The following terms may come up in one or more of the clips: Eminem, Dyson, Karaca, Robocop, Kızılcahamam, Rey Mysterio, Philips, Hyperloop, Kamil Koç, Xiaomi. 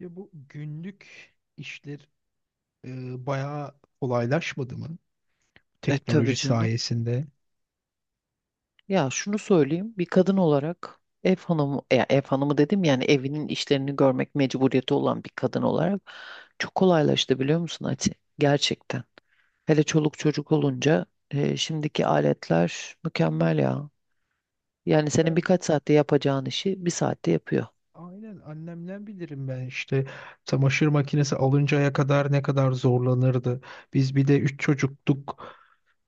Ya bu günlük işler bayağı kolaylaşmadı mı E tabii teknoloji canım. sayesinde? Ya şunu söyleyeyim. Bir kadın olarak ev hanımı, ya ev hanımı dedim yani evinin işlerini görmek mecburiyeti olan bir kadın olarak çok kolaylaştı biliyor musun Ati? Gerçekten. Hele çoluk çocuk olunca şimdiki aletler mükemmel ya. Yani senin Ben birkaç saatte yapacağın işi bir saatte yapıyor. Aynen annemden bilirim ben işte çamaşır makinesi alıncaya kadar ne kadar zorlanırdı. Biz bir de 3 çocuktuk.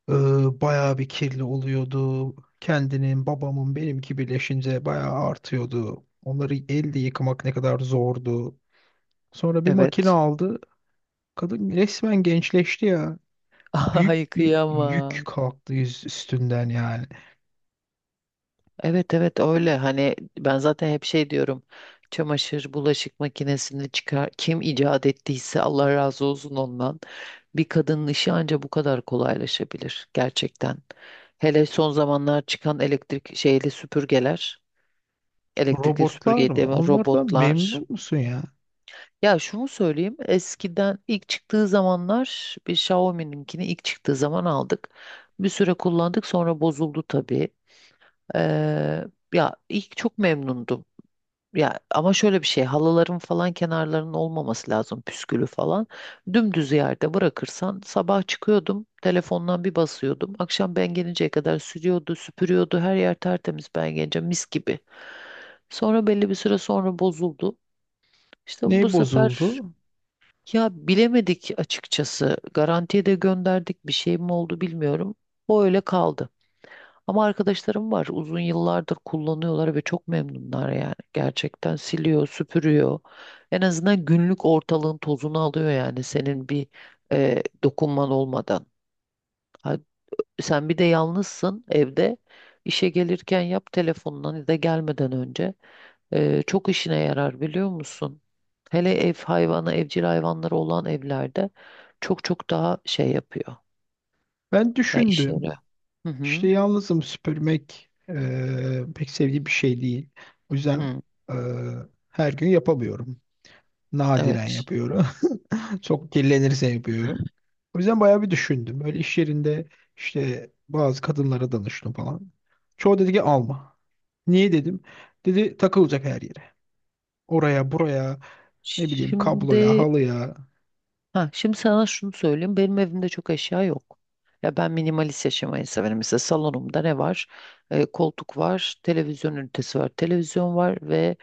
Ee, bayağı bir kirli oluyordu. Kendinin, babamın, benimki birleşince bayağı artıyordu. Onları elde yıkamak ne kadar zordu. Sonra bir makine Evet. aldı. Kadın resmen gençleşti ya. Büyük Ay bir yük kıyamam. kalktı yüz üstünden yani. Evet evet öyle hani ben zaten hep şey diyorum, çamaşır bulaşık makinesini çıkar kim icat ettiyse Allah razı olsun ondan, bir kadının işi anca bu kadar kolaylaşabilir gerçekten. Hele son zamanlar çıkan elektrik şeyli süpürgeler, elektrikli Robotlar süpürge mı? deme, Onlardan robotlar. memnun musun ya? Ya şunu söyleyeyim, eskiden ilk çıktığı zamanlar bir Xiaomi'ninkini ilk çıktığı zaman aldık, bir süre kullandık, sonra bozuldu tabii. Ee, Ya ilk çok memnundum. Ya ama şöyle bir şey, halıların falan kenarlarının olmaması lazım, püskülü falan. Dümdüz yerde bırakırsan sabah çıkıyordum, telefondan bir basıyordum. Akşam ben gelinceye kadar sürüyordu, süpürüyordu, her yer tertemiz, ben gelince mis gibi. Sonra belli bir süre sonra bozuldu. İşte bu Ne sefer bozuldu? ya bilemedik açıkçası, garantiye de gönderdik, bir şey mi oldu bilmiyorum. O öyle kaldı. Ama arkadaşlarım var. Uzun yıllardır kullanıyorlar ve çok memnunlar yani. Gerçekten siliyor, süpürüyor. En azından günlük ortalığın tozunu alıyor yani, senin bir dokunman olmadan. Ha, sen bir de yalnızsın evde. İşe gelirken yap telefondan ya da gelmeden önce. Çok işine yarar biliyor musun? Hele ev hayvanı, evcil hayvanları olan evlerde çok çok daha şey yapıyor. Ben Ya işe düşündüm. yarıyor. Hı İşte hı. yalnızım, süpürmek pek sevdiğim bir şey değil. O yüzden Hı. eee, her gün yapamıyorum. Nadiren Evet. yapıyorum. Çok kirlenirse yapıyorum. O yüzden bayağı bir düşündüm. Böyle iş yerinde işte bazı kadınlara danıştım falan. Çoğu dedi ki alma. Niye dedim? Dedi takılacak her yere. Oraya buraya ne bileyim kabloya Şimdi halıya. Ha, şimdi sana şunu söyleyeyim. Benim evimde çok eşya yok. Ya ben minimalist yaşamayı severim. Mesela salonumda ne var? Koltuk var, televizyon ünitesi var, televizyon var ve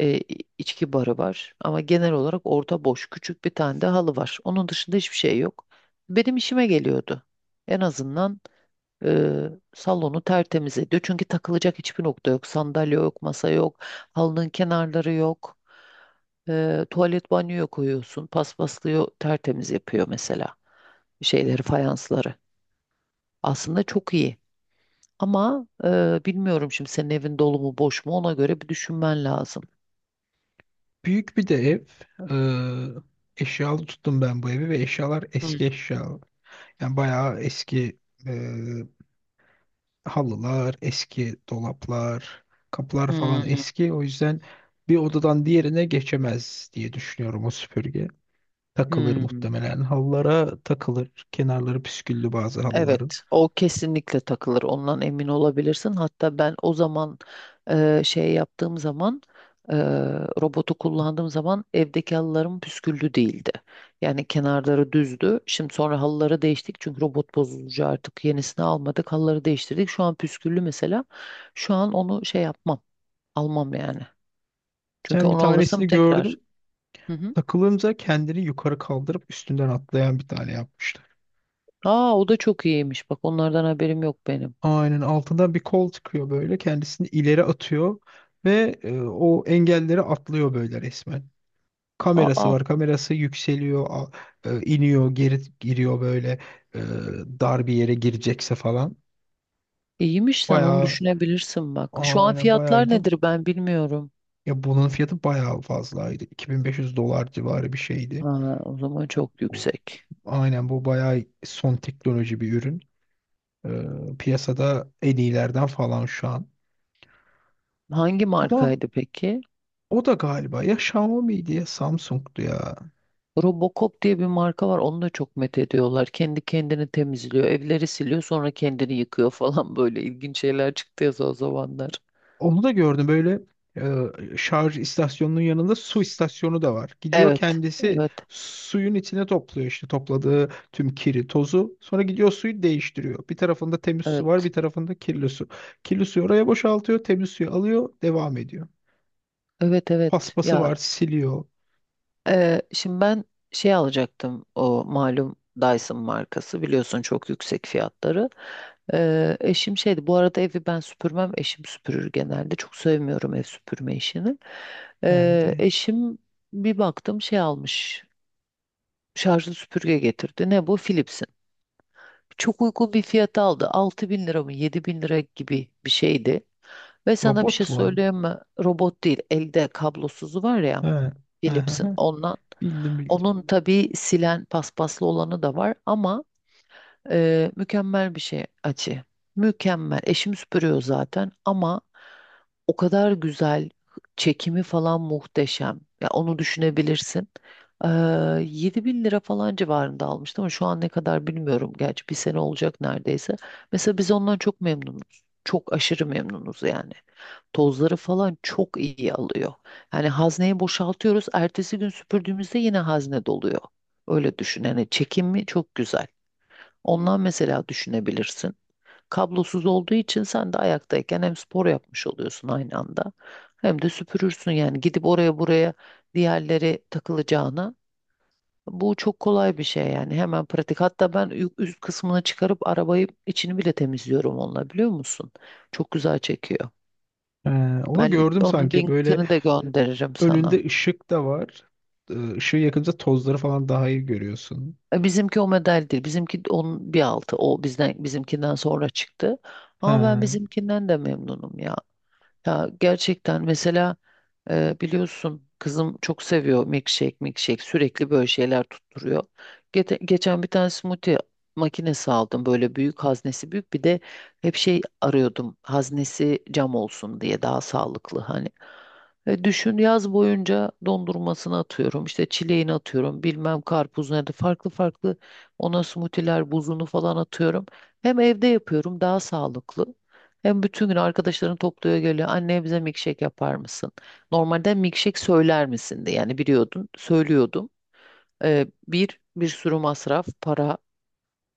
e, içki barı var. Ama genel olarak orta boş, küçük bir tane de halı var. Onun dışında hiçbir şey yok. Benim işime geliyordu. En azından salonu tertemiz ediyor. Çünkü takılacak hiçbir nokta yok. Sandalye yok, masa yok, halının kenarları yok. Tuvalet banyoya koyuyorsun. Paspaslıyor, tertemiz yapıyor mesela. Şeyleri, fayansları. Aslında çok iyi. Ama bilmiyorum şimdi senin evin dolu mu boş mu, ona göre bir düşünmen lazım. Büyük bir de ev. Eee Eşyalı tuttum ben bu evi ve eşyalar Hmm, eski eşya. Yani bayağı eski e, halılar, eski dolaplar, kapılar falan hmm, eski. O yüzden bir odadan diğerine geçemez diye düşünüyorum o süpürge. Takılır hmm. muhtemelen. Halılara takılır. Kenarları püsküllü bazı halıların. Evet, o kesinlikle takılır. Ondan emin olabilirsin. Hatta ben o zaman şey yaptığım zaman e, robotu kullandığım zaman evdeki halılarım püsküllü değildi. Yani kenarları düzdü. Şimdi sonra halıları değiştik çünkü robot bozulunca artık yenisini almadık. Halıları değiştirdik. Şu an püsküllü mesela. Şu an onu şey yapmam, almam yani. Çünkü Geçen bir onu alırsam tanesini tekrar. gördüm. Hı hı. Takılınca kendini yukarı kaldırıp üstünden atlayan bir tane yapmışlar. Aa, o da çok iyiymiş. Bak onlardan haberim yok benim. Aynen altından bir kol çıkıyor böyle. Kendisini ileri atıyor ve o engelleri atlıyor böyle resmen. Kamerası Aa. var. Kamerası yükseliyor, iniyor, geri giriyor böyle e, dar bir yere girecekse falan. İyiymiş, sen onu Bayağı düşünebilirsin bak. Şu an aynen bayağı fiyatlar iyiydi. Nedir ben bilmiyorum. Ya bunun fiyatı bayağı fazlaydı. 2500 dolar civarı bir şeydi. Ha, o zaman çok Bu, yüksek. aynen bu bayağı son teknoloji bir ürün. Piyasada en iyilerden falan şu an. Hangi Ama markaydı peki? o da galiba ya Xiaomi'ydi ya Samsung'du ya. Robocop diye bir marka var. Onu da çok met ediyorlar. Kendi kendini temizliyor. Evleri siliyor, sonra kendini yıkıyor falan böyle ilginç şeyler çıktı ya o zamanlar. Onu da gördüm böyle şarj istasyonunun yanında su istasyonu da var. Gidiyor Evet. kendisi Evet. suyun içine topluyor işte topladığı tüm kiri, tozu. Sonra gidiyor suyu değiştiriyor. Bir tarafında temiz su var, Evet. bir tarafında kirli su. Kirli suyu oraya boşaltıyor, temiz suyu alıyor, devam ediyor. Evet evet. Paspası Ya. var, siliyor. Şimdi ben şey alacaktım, o malum Dyson markası biliyorsun, çok yüksek fiyatları. Eşim şeydi bu arada, evi ben süpürmem, eşim süpürür genelde, çok sevmiyorum ev süpürme işini. Yani de. Eşim bir baktım şey almış, şarjlı süpürge getirdi, ne bu, Philips'in. Çok uygun bir fiyata aldı, 6 bin lira mı 7 bin lira gibi bir şeydi. Ve sana bir Robot şey mu? söyleyeyim mi, robot değil, elde kablosuzu var ya. He. He, he, Philips'in ondan. he. Bildim bildim. Onun tabii silen paspaslı olanı da var, ama mükemmel bir şey açı. Mükemmel. Eşim süpürüyor zaten ama o kadar güzel çekimi falan muhteşem. Ya onu düşünebilirsin. Ee, 7 bin lira falan civarında almıştım ama şu an ne kadar bilmiyorum. Gerçi bir sene olacak neredeyse. Mesela biz ondan çok memnunuz. Çok aşırı memnunuz yani. Tozları falan çok iyi alıyor. Yani hazneyi boşaltıyoruz, ertesi gün süpürdüğümüzde yine hazne doluyor. Öyle düşün. Yani çekimi çok güzel. Ondan mesela düşünebilirsin. Kablosuz olduğu için sen de ayaktayken hem spor yapmış oluyorsun aynı anda, hem de süpürürsün yani, gidip oraya buraya diğerleri takılacağına. Bu çok kolay bir şey yani, hemen pratik. Hatta ben üst kısmını çıkarıp arabayı içini bile temizliyorum onunla, biliyor musun? Çok güzel çekiyor. He, onu Ben gördüm onun sanki böyle linkini de gönderirim sana. önünde ışık da var. Işığı yakınca tozları falan daha iyi görüyorsun. Bizimki o model değil. Bizimki onun bir altı. O bizden bizimkinden sonra çıktı. Ama ben He. bizimkinden de memnunum ya. Ya gerçekten mesela biliyorsun kızım çok seviyor, milkshake milkshake sürekli böyle şeyler tutturuyor. Geçen bir tane smoothie makinesi aldım böyle, büyük haznesi, büyük bir de hep şey arıyordum, haznesi cam olsun diye, daha sağlıklı hani. Düşün yaz boyunca dondurmasını atıyorum, işte çileğini atıyorum, bilmem karpuz nerede farklı farklı, ona smoothie'ler buzunu falan atıyorum. Hem evde yapıyorum daha sağlıklı. Hem bütün gün arkadaşların topluyor geliyor. Anne bize milkshake yapar mısın? Normalde milkshake söyler misin, de yani biliyordun. Söylüyordum. Bir sürü masraf, para.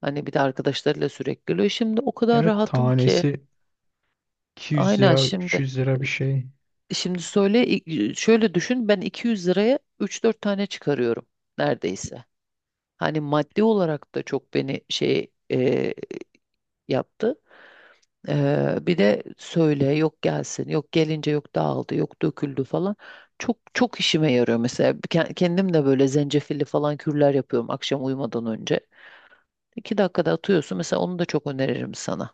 Hani bir de arkadaşlarıyla sürekli geliyor. Şimdi o kadar Evet, rahatım ki. tanesi 200 Aynen lira, şimdi. 300 lira bir şey. Şimdi şöyle düşün, ben 200 liraya 3-4 tane çıkarıyorum neredeyse. Hani maddi olarak da çok beni şey yaptı. Bir de söyle, yok gelsin, yok gelince yok dağıldı, yok döküldü falan. Çok çok işime yarıyor mesela. Kendim de böyle zencefilli falan kürler yapıyorum akşam uyumadan önce. İki dakikada atıyorsun mesela, onu da çok öneririm sana.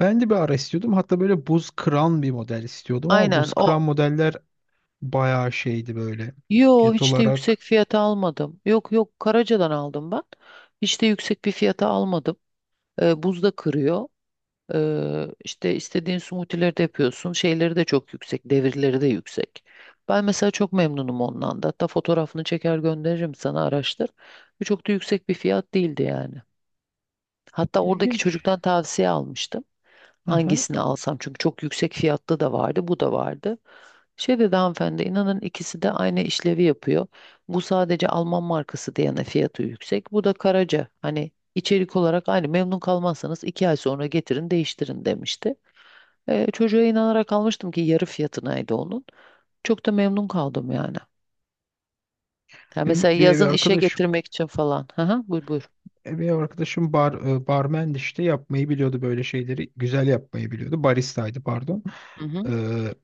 Ben de bir ara istiyordum. Hatta böyle buz kıran bir model istiyordum ama Aynen buz kıran o. modeller bayağı şeydi böyle. Yo Fiyat hiç de olarak yüksek fiyata almadım. Yok yok Karaca'dan aldım ben. Hiç de yüksek bir fiyata almadım. Buzda kırıyor. İşte istediğin smoothie'leri de yapıyorsun. Şeyleri de çok yüksek. Devirleri de yüksek. Ben mesela çok memnunum ondan da. Hatta fotoğrafını çeker gönderirim sana, araştır. Bu çok da yüksek bir fiyat değildi yani. Hatta oradaki ilginç. çocuktan tavsiye almıştım. Aha. Hangisini alsam, çünkü çok yüksek fiyatlı da vardı, bu da vardı. Şey dedi hanımefendi, inanın ikisi de aynı işlevi yapıyor. Bu sadece Alman markası diyene fiyatı yüksek. Bu da Karaca. Hani içerik olarak aynı, memnun kalmazsanız iki ay sonra getirin değiştirin demişti. Çocuğa inanarak almıştım ki yarı fiyatınaydı onun. Çok da memnun kaldım yani. Ha, Benim mesela bir ev yazın işe arkadaşım getirmek için falan. Hı hı, buyur buyur. bir ev arkadaşım barmendi, işte yapmayı biliyordu böyle şeyleri. Güzel yapmayı biliyordu. Baristaydı, pardon. Hı hı. Ee,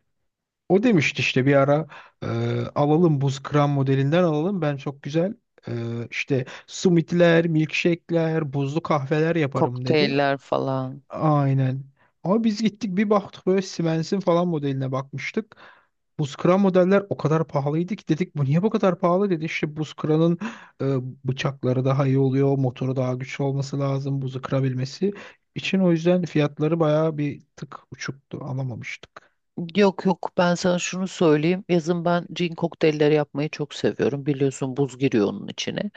O demişti işte bir ara e, alalım, buz kıran modelinden alalım. Ben çok güzel e, işte summitler, milkshake'ler, buzlu kahveler yaparım dedi. Kokteyller falan. Aynen. Ama biz gittik bir baktık böyle Siemens'in falan modeline bakmıştık. Buz kıran modeller o kadar pahalıydı ki dedik bu niye bu kadar pahalı dedi. İşte buz kıranın e, bıçakları daha iyi oluyor, motoru daha güçlü olması lazım buzu kırabilmesi için. O yüzden fiyatları bayağı bir tık uçuktu, alamamıştık. Yok yok, ben sana şunu söyleyeyim. Yazın ben cin kokteylleri yapmayı çok seviyorum. Biliyorsun buz giriyor onun içine.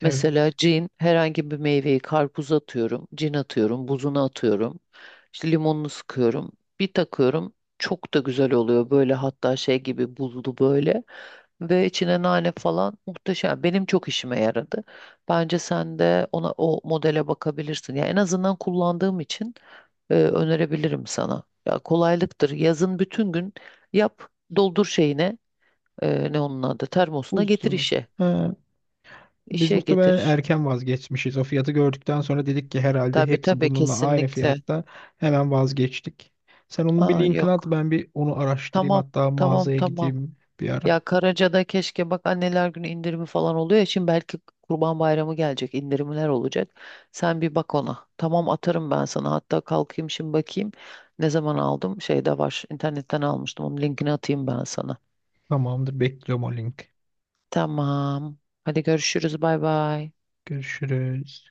Mesela Evet. cin, herhangi bir meyveyi, karpuz atıyorum. Cin atıyorum. Buzunu atıyorum. İşte limonunu sıkıyorum. Bir takıyorum. Çok da güzel oluyor. Böyle hatta şey gibi buzlu böyle. Ve içine nane falan muhteşem. Benim çok işime yaradı. Bence sen de ona o modele bakabilirsin, ya en azından kullandığım için önerebilirim sana. Ya kolaylıktır. Yazın bütün gün yap, doldur şeyine, ne onun adı, termosuna getir Buzdolabı. işe. Ha, biz İşe muhtemelen getir. erken vazgeçmişiz. O fiyatı gördükten sonra dedik ki herhalde Tabii hepsi tabii bununla aynı kesinlikle. fiyatta. Hemen vazgeçtik. Sen onun bir Aa linkini at, yok. ben bir onu araştırayım. Tamam. Hatta Tamam mağazaya tamam. gideyim bir ara. Ya Karaca'da keşke bak, anneler günü indirimi falan oluyor ya. Şimdi belki Kurban Bayramı gelecek, indirimler olacak. Sen bir bak ona. Tamam, atarım ben sana. Hatta kalkayım şimdi bakayım. Ne zaman aldım? Şeyde var, internetten almıştım. Onun linkini atayım ben sana. Tamamdır, bekliyorum o link. Tamam. Hadi görüşürüz. Bay bay. Görüşürüz.